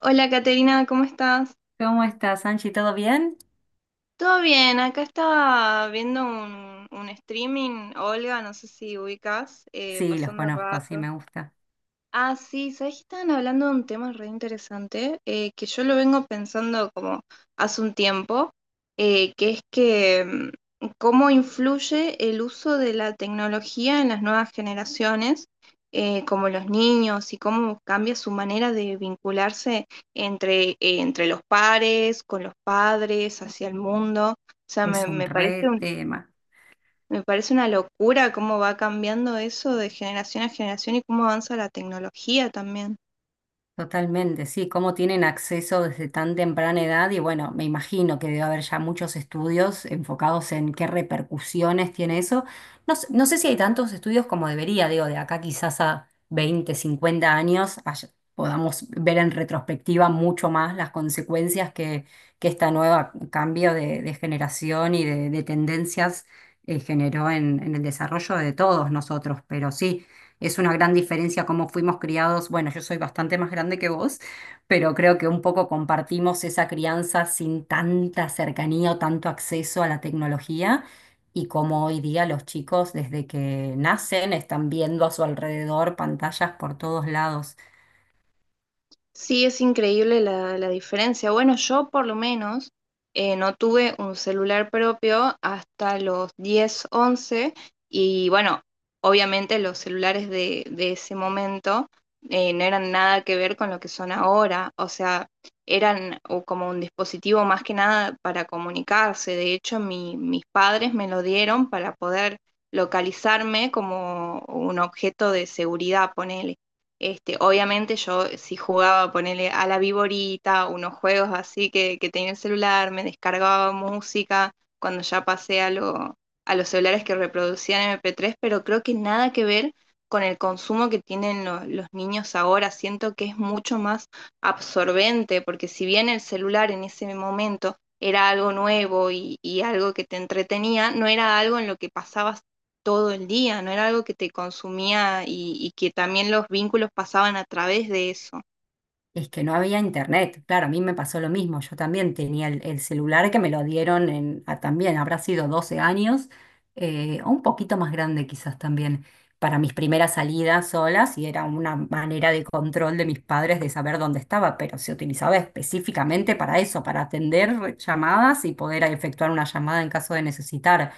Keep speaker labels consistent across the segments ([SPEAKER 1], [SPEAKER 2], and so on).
[SPEAKER 1] Hola Caterina, ¿cómo estás?
[SPEAKER 2] ¿Cómo estás, Angie? ¿Todo bien?
[SPEAKER 1] Todo bien, acá estaba viendo un streaming, Olga, no sé si ubicas,
[SPEAKER 2] Sí, los
[SPEAKER 1] pasando el
[SPEAKER 2] conozco, sí
[SPEAKER 1] rato.
[SPEAKER 2] me gusta.
[SPEAKER 1] Ah, sí, sabés que estaban hablando de un tema re interesante, que yo lo vengo pensando como hace un tiempo, que es que cómo influye el uso de la tecnología en las nuevas generaciones, como los niños, y cómo cambia su manera de vincularse entre, entre los pares, con los padres, hacia el mundo. O sea,
[SPEAKER 2] Es un
[SPEAKER 1] me parece
[SPEAKER 2] re tema.
[SPEAKER 1] me parece una locura cómo va cambiando eso de generación a generación y cómo avanza la tecnología también.
[SPEAKER 2] Totalmente, sí, cómo tienen acceso desde tan temprana edad y bueno, me imagino que debe haber ya muchos estudios enfocados en qué repercusiones tiene eso. No sé, no sé si hay tantos estudios como debería, digo, de acá quizás a 20, 50 años podamos ver en retrospectiva mucho más las consecuencias que esta nueva cambio de generación y de tendencias generó en el desarrollo de todos nosotros, pero sí. Es una gran diferencia cómo fuimos criados. Bueno, yo soy bastante más grande que vos, pero creo que un poco compartimos esa crianza sin tanta cercanía o tanto acceso a la tecnología. Y como hoy día los chicos, desde que nacen, están viendo a su alrededor pantallas por todos lados.
[SPEAKER 1] Sí, es increíble la diferencia. Bueno, yo por lo menos no tuve un celular propio hasta los 10, once, y bueno, obviamente los celulares de ese momento no eran nada que ver con lo que son ahora. O sea, eran o como un dispositivo más que nada para comunicarse. De hecho, mis padres me lo dieron para poder localizarme como un objeto de seguridad, ponele. Este, obviamente yo si jugaba, ponele a la Viborita, unos juegos así que tenía el celular, me descargaba música, cuando ya pasé a los celulares que reproducían MP3, pero creo que nada que ver con el consumo que tienen los niños ahora. Siento que es mucho más absorbente, porque si bien el celular en ese momento era algo nuevo y algo que te entretenía, no era algo en lo que pasabas todo el día, no era algo que te consumía y que también los vínculos pasaban a través de eso.
[SPEAKER 2] Es que no había internet. Claro, a mí me pasó lo mismo. Yo también tenía el celular que me lo dieron también, habrá sido 12 años, o un poquito más grande quizás también, para mis primeras salidas solas y era una manera de control de mis padres de saber dónde estaba, pero se utilizaba específicamente para eso, para atender llamadas y poder efectuar una llamada en caso de necesitar.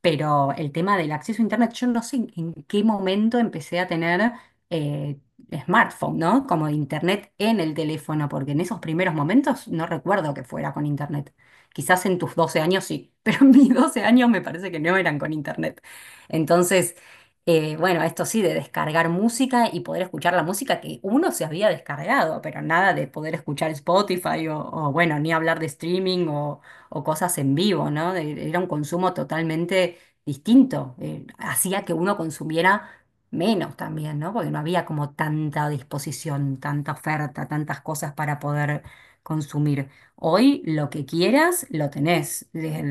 [SPEAKER 2] Pero el tema del acceso a Internet, yo no sé en qué momento empecé a tener eh, smartphone, ¿no? Como Internet en el teléfono, porque en esos primeros momentos no recuerdo que fuera con Internet. Quizás en tus 12 años sí, pero en mis 12 años me parece que no eran con Internet. Entonces, bueno, esto sí, de descargar música y poder escuchar la música que uno se había descargado, pero nada de poder escuchar Spotify bueno, ni hablar de streaming o cosas en vivo, ¿no? Era un consumo totalmente distinto. Hacía que uno consumiera menos también, ¿no? Porque no había como tanta disposición, tanta oferta, tantas cosas para poder consumir. Hoy lo que quieras, lo tenés. Desde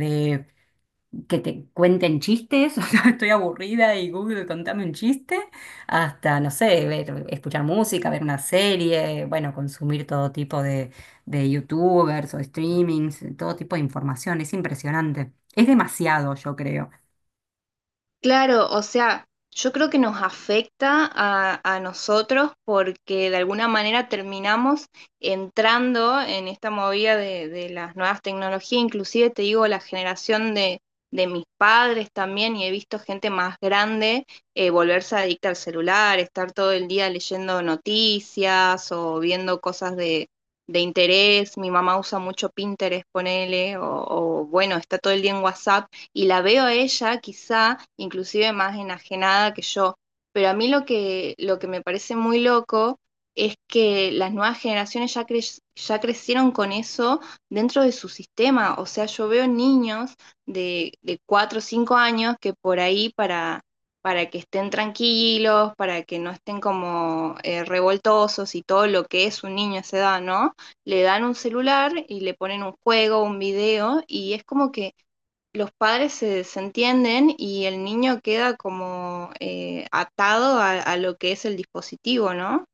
[SPEAKER 2] que te cuenten chistes, o sea, estoy aburrida y Google, contame un chiste, hasta, no sé, ver, escuchar música, ver una serie, bueno, consumir todo tipo de YouTubers o streamings, todo tipo de información, es impresionante. Es demasiado, yo creo.
[SPEAKER 1] Claro, o sea, yo creo que nos afecta a nosotros porque de alguna manera terminamos entrando en esta movida de las nuevas tecnologías; inclusive te digo, la generación de mis padres también, y he visto gente más grande, volverse adicta al celular, estar todo el día leyendo noticias o viendo cosas de interés. Mi mamá usa mucho Pinterest, ponele, o bueno, está todo el día en WhatsApp y la veo a ella quizá inclusive más enajenada que yo. Pero a mí lo lo que me parece muy loco es que las nuevas generaciones ya, ya crecieron con eso dentro de su sistema. O sea, yo veo niños de 4 o 5 años que por ahí para que estén tranquilos, para que no estén como revoltosos y todo lo que es un niño a esa edad, ¿no? Le dan un celular y le ponen un juego, un video, y es como que los padres se desentienden y el niño queda como atado lo que es el dispositivo, ¿no?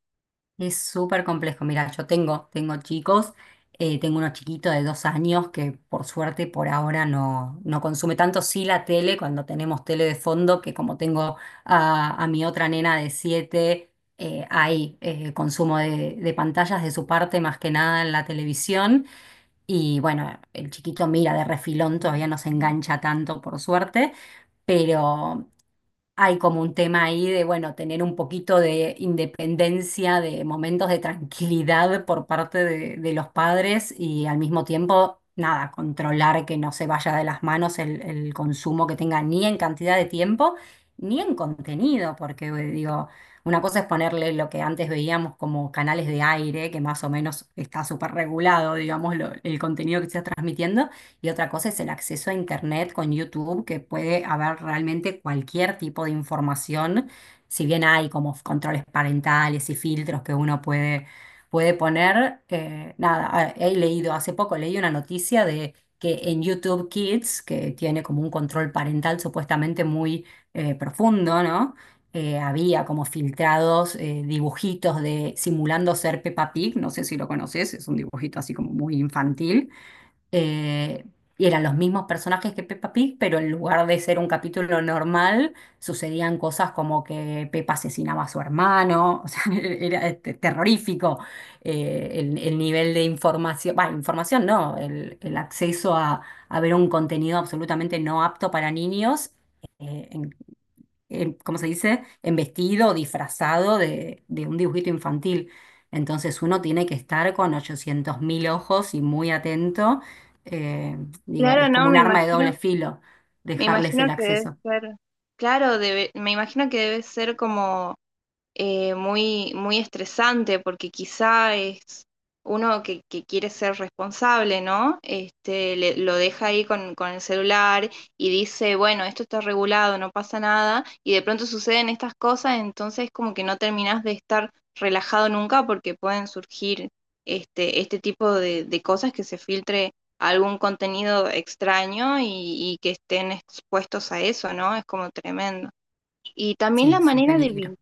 [SPEAKER 2] Es súper complejo. Mira, yo tengo chicos, tengo uno chiquito de 2 años que por suerte por ahora no consume tanto, sí la tele, cuando tenemos tele de fondo, que como tengo a mi otra nena de 7, hay consumo de pantallas de su parte más que nada en la televisión. Y bueno, el chiquito mira de refilón, todavía no se engancha tanto por suerte, pero hay como un tema ahí de, bueno, tener un poquito de independencia, de momentos de tranquilidad por parte de los padres y al mismo tiempo, nada, controlar que no se vaya de las manos el consumo que tenga ni en cantidad de tiempo ni en contenido, porque digo, una cosa es ponerle lo que antes veíamos como canales de aire, que más o menos está súper regulado, digamos, el contenido que se está transmitiendo y otra cosa es el acceso a Internet con YouTube, que puede haber realmente cualquier tipo de información, si bien hay como f- controles parentales y filtros que uno puede poner, nada, he leído hace poco, leí una noticia de que en YouTube Kids, que tiene como un control parental supuestamente muy profundo, ¿no? Había como filtrados dibujitos de simulando ser Peppa Pig, no sé si lo conoces, es un dibujito así como muy infantil, eh, y eran los mismos personajes que Peppa Pig, pero en lugar de ser un capítulo normal, sucedían cosas como que Peppa asesinaba a su hermano, o sea, era terrorífico el nivel de información, bah, información no, el acceso a ver un contenido absolutamente no apto para niños. En ¿Cómo se dice? En vestido, o disfrazado de un dibujito infantil. Entonces uno tiene que estar con 800.000 ojos y muy atento. Eh, Digo,
[SPEAKER 1] Claro,
[SPEAKER 2] es
[SPEAKER 1] no,
[SPEAKER 2] como un arma de doble filo
[SPEAKER 1] me
[SPEAKER 2] dejarles
[SPEAKER 1] imagino
[SPEAKER 2] el
[SPEAKER 1] que debe
[SPEAKER 2] acceso.
[SPEAKER 1] ser, claro, me imagino que debe ser como muy, muy estresante porque quizá es uno que quiere ser responsable, ¿no? Este, lo deja ahí con el celular y dice, bueno, esto está regulado, no pasa nada, y de pronto suceden estas cosas, entonces como que no terminás de estar relajado nunca porque pueden surgir este, este tipo de cosas que se filtre algún contenido extraño, y que estén expuestos a eso, ¿no? Es como tremendo. Y también
[SPEAKER 2] Sí,
[SPEAKER 1] la
[SPEAKER 2] es un
[SPEAKER 1] manera de,
[SPEAKER 2] peligro.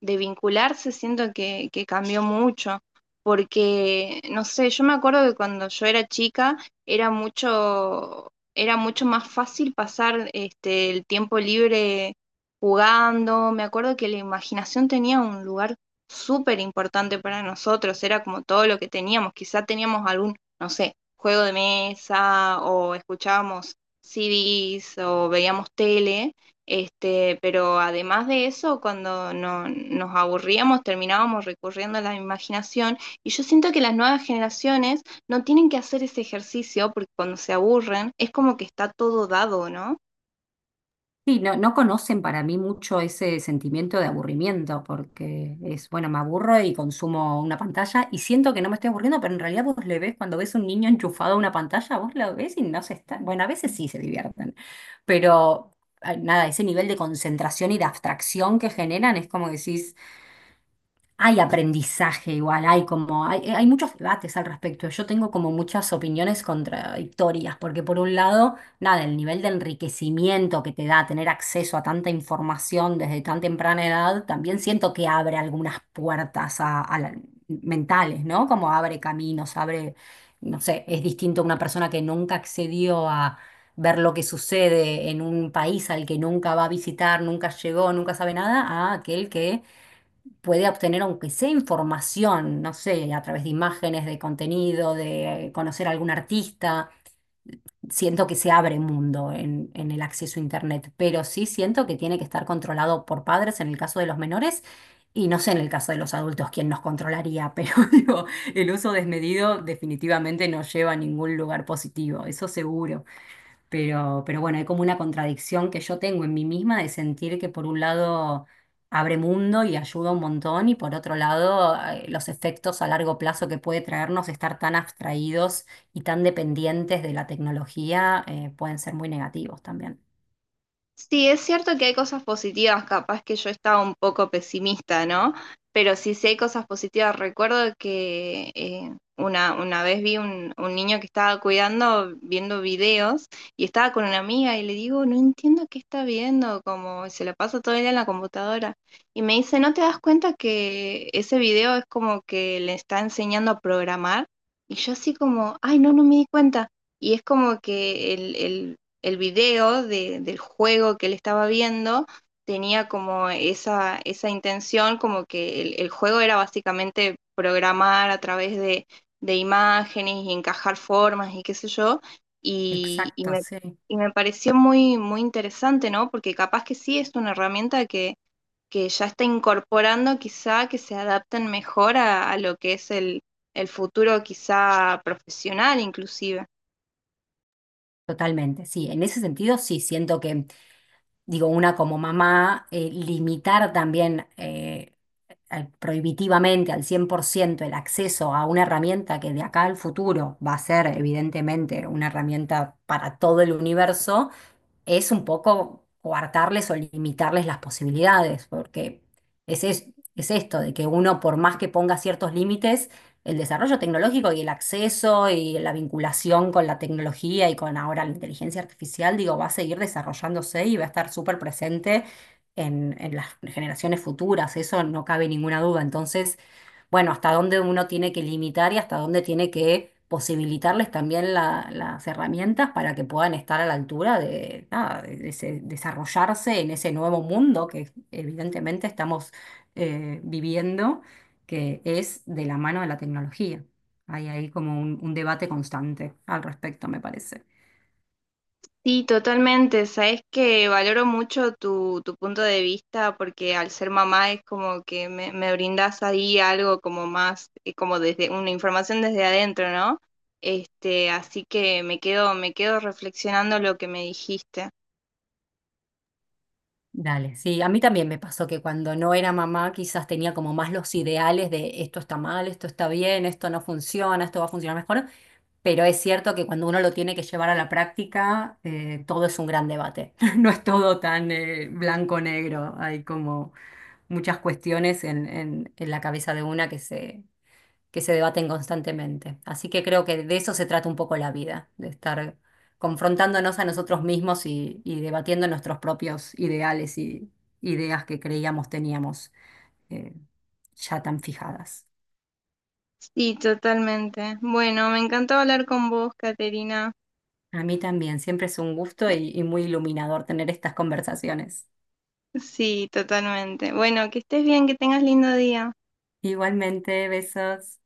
[SPEAKER 1] de vincularse, siento que cambió mucho, porque, no sé, yo me acuerdo que cuando yo era chica era mucho más fácil pasar este, el tiempo libre jugando. Me acuerdo que la imaginación tenía un lugar súper importante para nosotros, era como todo lo que teníamos. Quizá teníamos algún, no sé, juego de mesa o escuchábamos CDs o veíamos tele este, pero además de eso, cuando nos aburríamos, terminábamos recurriendo a la imaginación. Y yo siento que las nuevas generaciones no tienen que hacer ese ejercicio porque cuando se aburren es como que está todo dado, ¿no?
[SPEAKER 2] Sí, no, no conocen para mí mucho ese sentimiento de aburrimiento, porque es, bueno, me aburro y consumo una pantalla y siento que no me estoy aburriendo, pero en realidad vos le ves, cuando ves un niño enchufado a una pantalla, vos lo ves y no se está, bueno, a veces sí se divierten, pero nada, ese nivel de concentración y de abstracción que generan es como que decís, hay aprendizaje igual, hay como, hay muchos debates al respecto. Yo tengo como muchas opiniones contradictorias, porque por un lado, nada, el nivel de enriquecimiento que te da tener acceso a tanta información desde tan temprana edad, también siento que abre algunas puertas a mentales, ¿no? Como abre caminos, abre, no sé, es distinto a una persona que nunca accedió a ver lo que sucede en un país al que nunca va a visitar, nunca llegó, nunca sabe nada, a aquel que puede obtener, aunque sea información, no sé, a través de imágenes, de contenido, de conocer a algún artista. Siento que se abre mundo en el acceso a Internet, pero sí siento que tiene que estar controlado por padres en el caso de los menores. Y no sé en el caso de los adultos quién nos controlaría, pero digo, el uso desmedido definitivamente no lleva a ningún lugar positivo, eso seguro. Pero bueno, hay como una contradicción que yo tengo en mí misma de sentir que por un lado abre mundo y ayuda un montón y por otro lado los efectos a largo plazo que puede traernos estar tan abstraídos y tan dependientes de la tecnología pueden ser muy negativos también.
[SPEAKER 1] Sí, es cierto que hay cosas positivas, capaz que yo estaba un poco pesimista, ¿no? Pero sí, sí hay cosas positivas. Recuerdo que, una vez vi un niño que estaba cuidando, viendo videos, y estaba con una amiga y le digo, no entiendo qué está viendo, como se la pasa todo el día en la computadora. Y me dice, ¿no te das cuenta que ese video es como que le está enseñando a programar? Y yo así como, ay, no, no me di cuenta. Y es como que el video del juego que él estaba viendo tenía como esa intención, como que el juego era básicamente programar a través imágenes y encajar formas y qué sé yo, y, y,
[SPEAKER 2] Exacto,
[SPEAKER 1] me,
[SPEAKER 2] sí.
[SPEAKER 1] y me pareció muy, muy interesante, ¿no? Porque capaz que sí es una herramienta que ya está incorporando quizá que se adapten mejor a lo que es el futuro quizá profesional inclusive.
[SPEAKER 2] Totalmente, sí. En ese sentido, sí, siento que, digo, una como mamá, limitar también. Prohibitivamente al 100% el acceso a una herramienta que de acá al futuro va a ser evidentemente una herramienta para todo el universo, es un poco coartarles o limitarles las posibilidades, porque es, es, es esto, de que uno, por más que ponga ciertos límites, el desarrollo tecnológico y el acceso y la vinculación con la tecnología y con ahora la inteligencia artificial, digo, va a seguir desarrollándose y va a estar súper presente en las generaciones futuras, eso no cabe ninguna duda. Entonces, bueno, hasta dónde uno tiene que limitar y hasta dónde tiene que posibilitarles también las herramientas para que puedan estar a la altura de, nada, desarrollarse en ese nuevo mundo que evidentemente estamos viviendo, que es de la mano de la tecnología. Hay ahí como un debate constante al respecto, me parece.
[SPEAKER 1] Sí, totalmente. Sabes que valoro mucho tu punto de vista porque al ser mamá es como que me brindas ahí algo como más, como desde una información desde adentro, ¿no? Este, así que me quedo reflexionando lo que me dijiste.
[SPEAKER 2] Dale, sí, a mí también me pasó que cuando no era mamá quizás tenía como más los ideales de esto está mal, esto está bien, esto no funciona, esto va a funcionar mejor. Pero es cierto que cuando uno lo tiene que llevar a la práctica, todo es un gran debate. No es todo tan blanco-negro. Hay como muchas cuestiones en la cabeza de una que se debaten constantemente. Así que creo que de eso se trata un poco la vida, de estar confrontándonos a nosotros mismos y debatiendo nuestros propios ideales y ideas que creíamos teníamos eh, ya tan fijadas.
[SPEAKER 1] Sí, totalmente. Bueno, me encantó hablar con vos, Caterina.
[SPEAKER 2] A mí también, siempre es un gusto y muy iluminador tener estas conversaciones.
[SPEAKER 1] Sí, totalmente. Bueno, que estés bien, que tengas lindo día.
[SPEAKER 2] Igualmente, besos.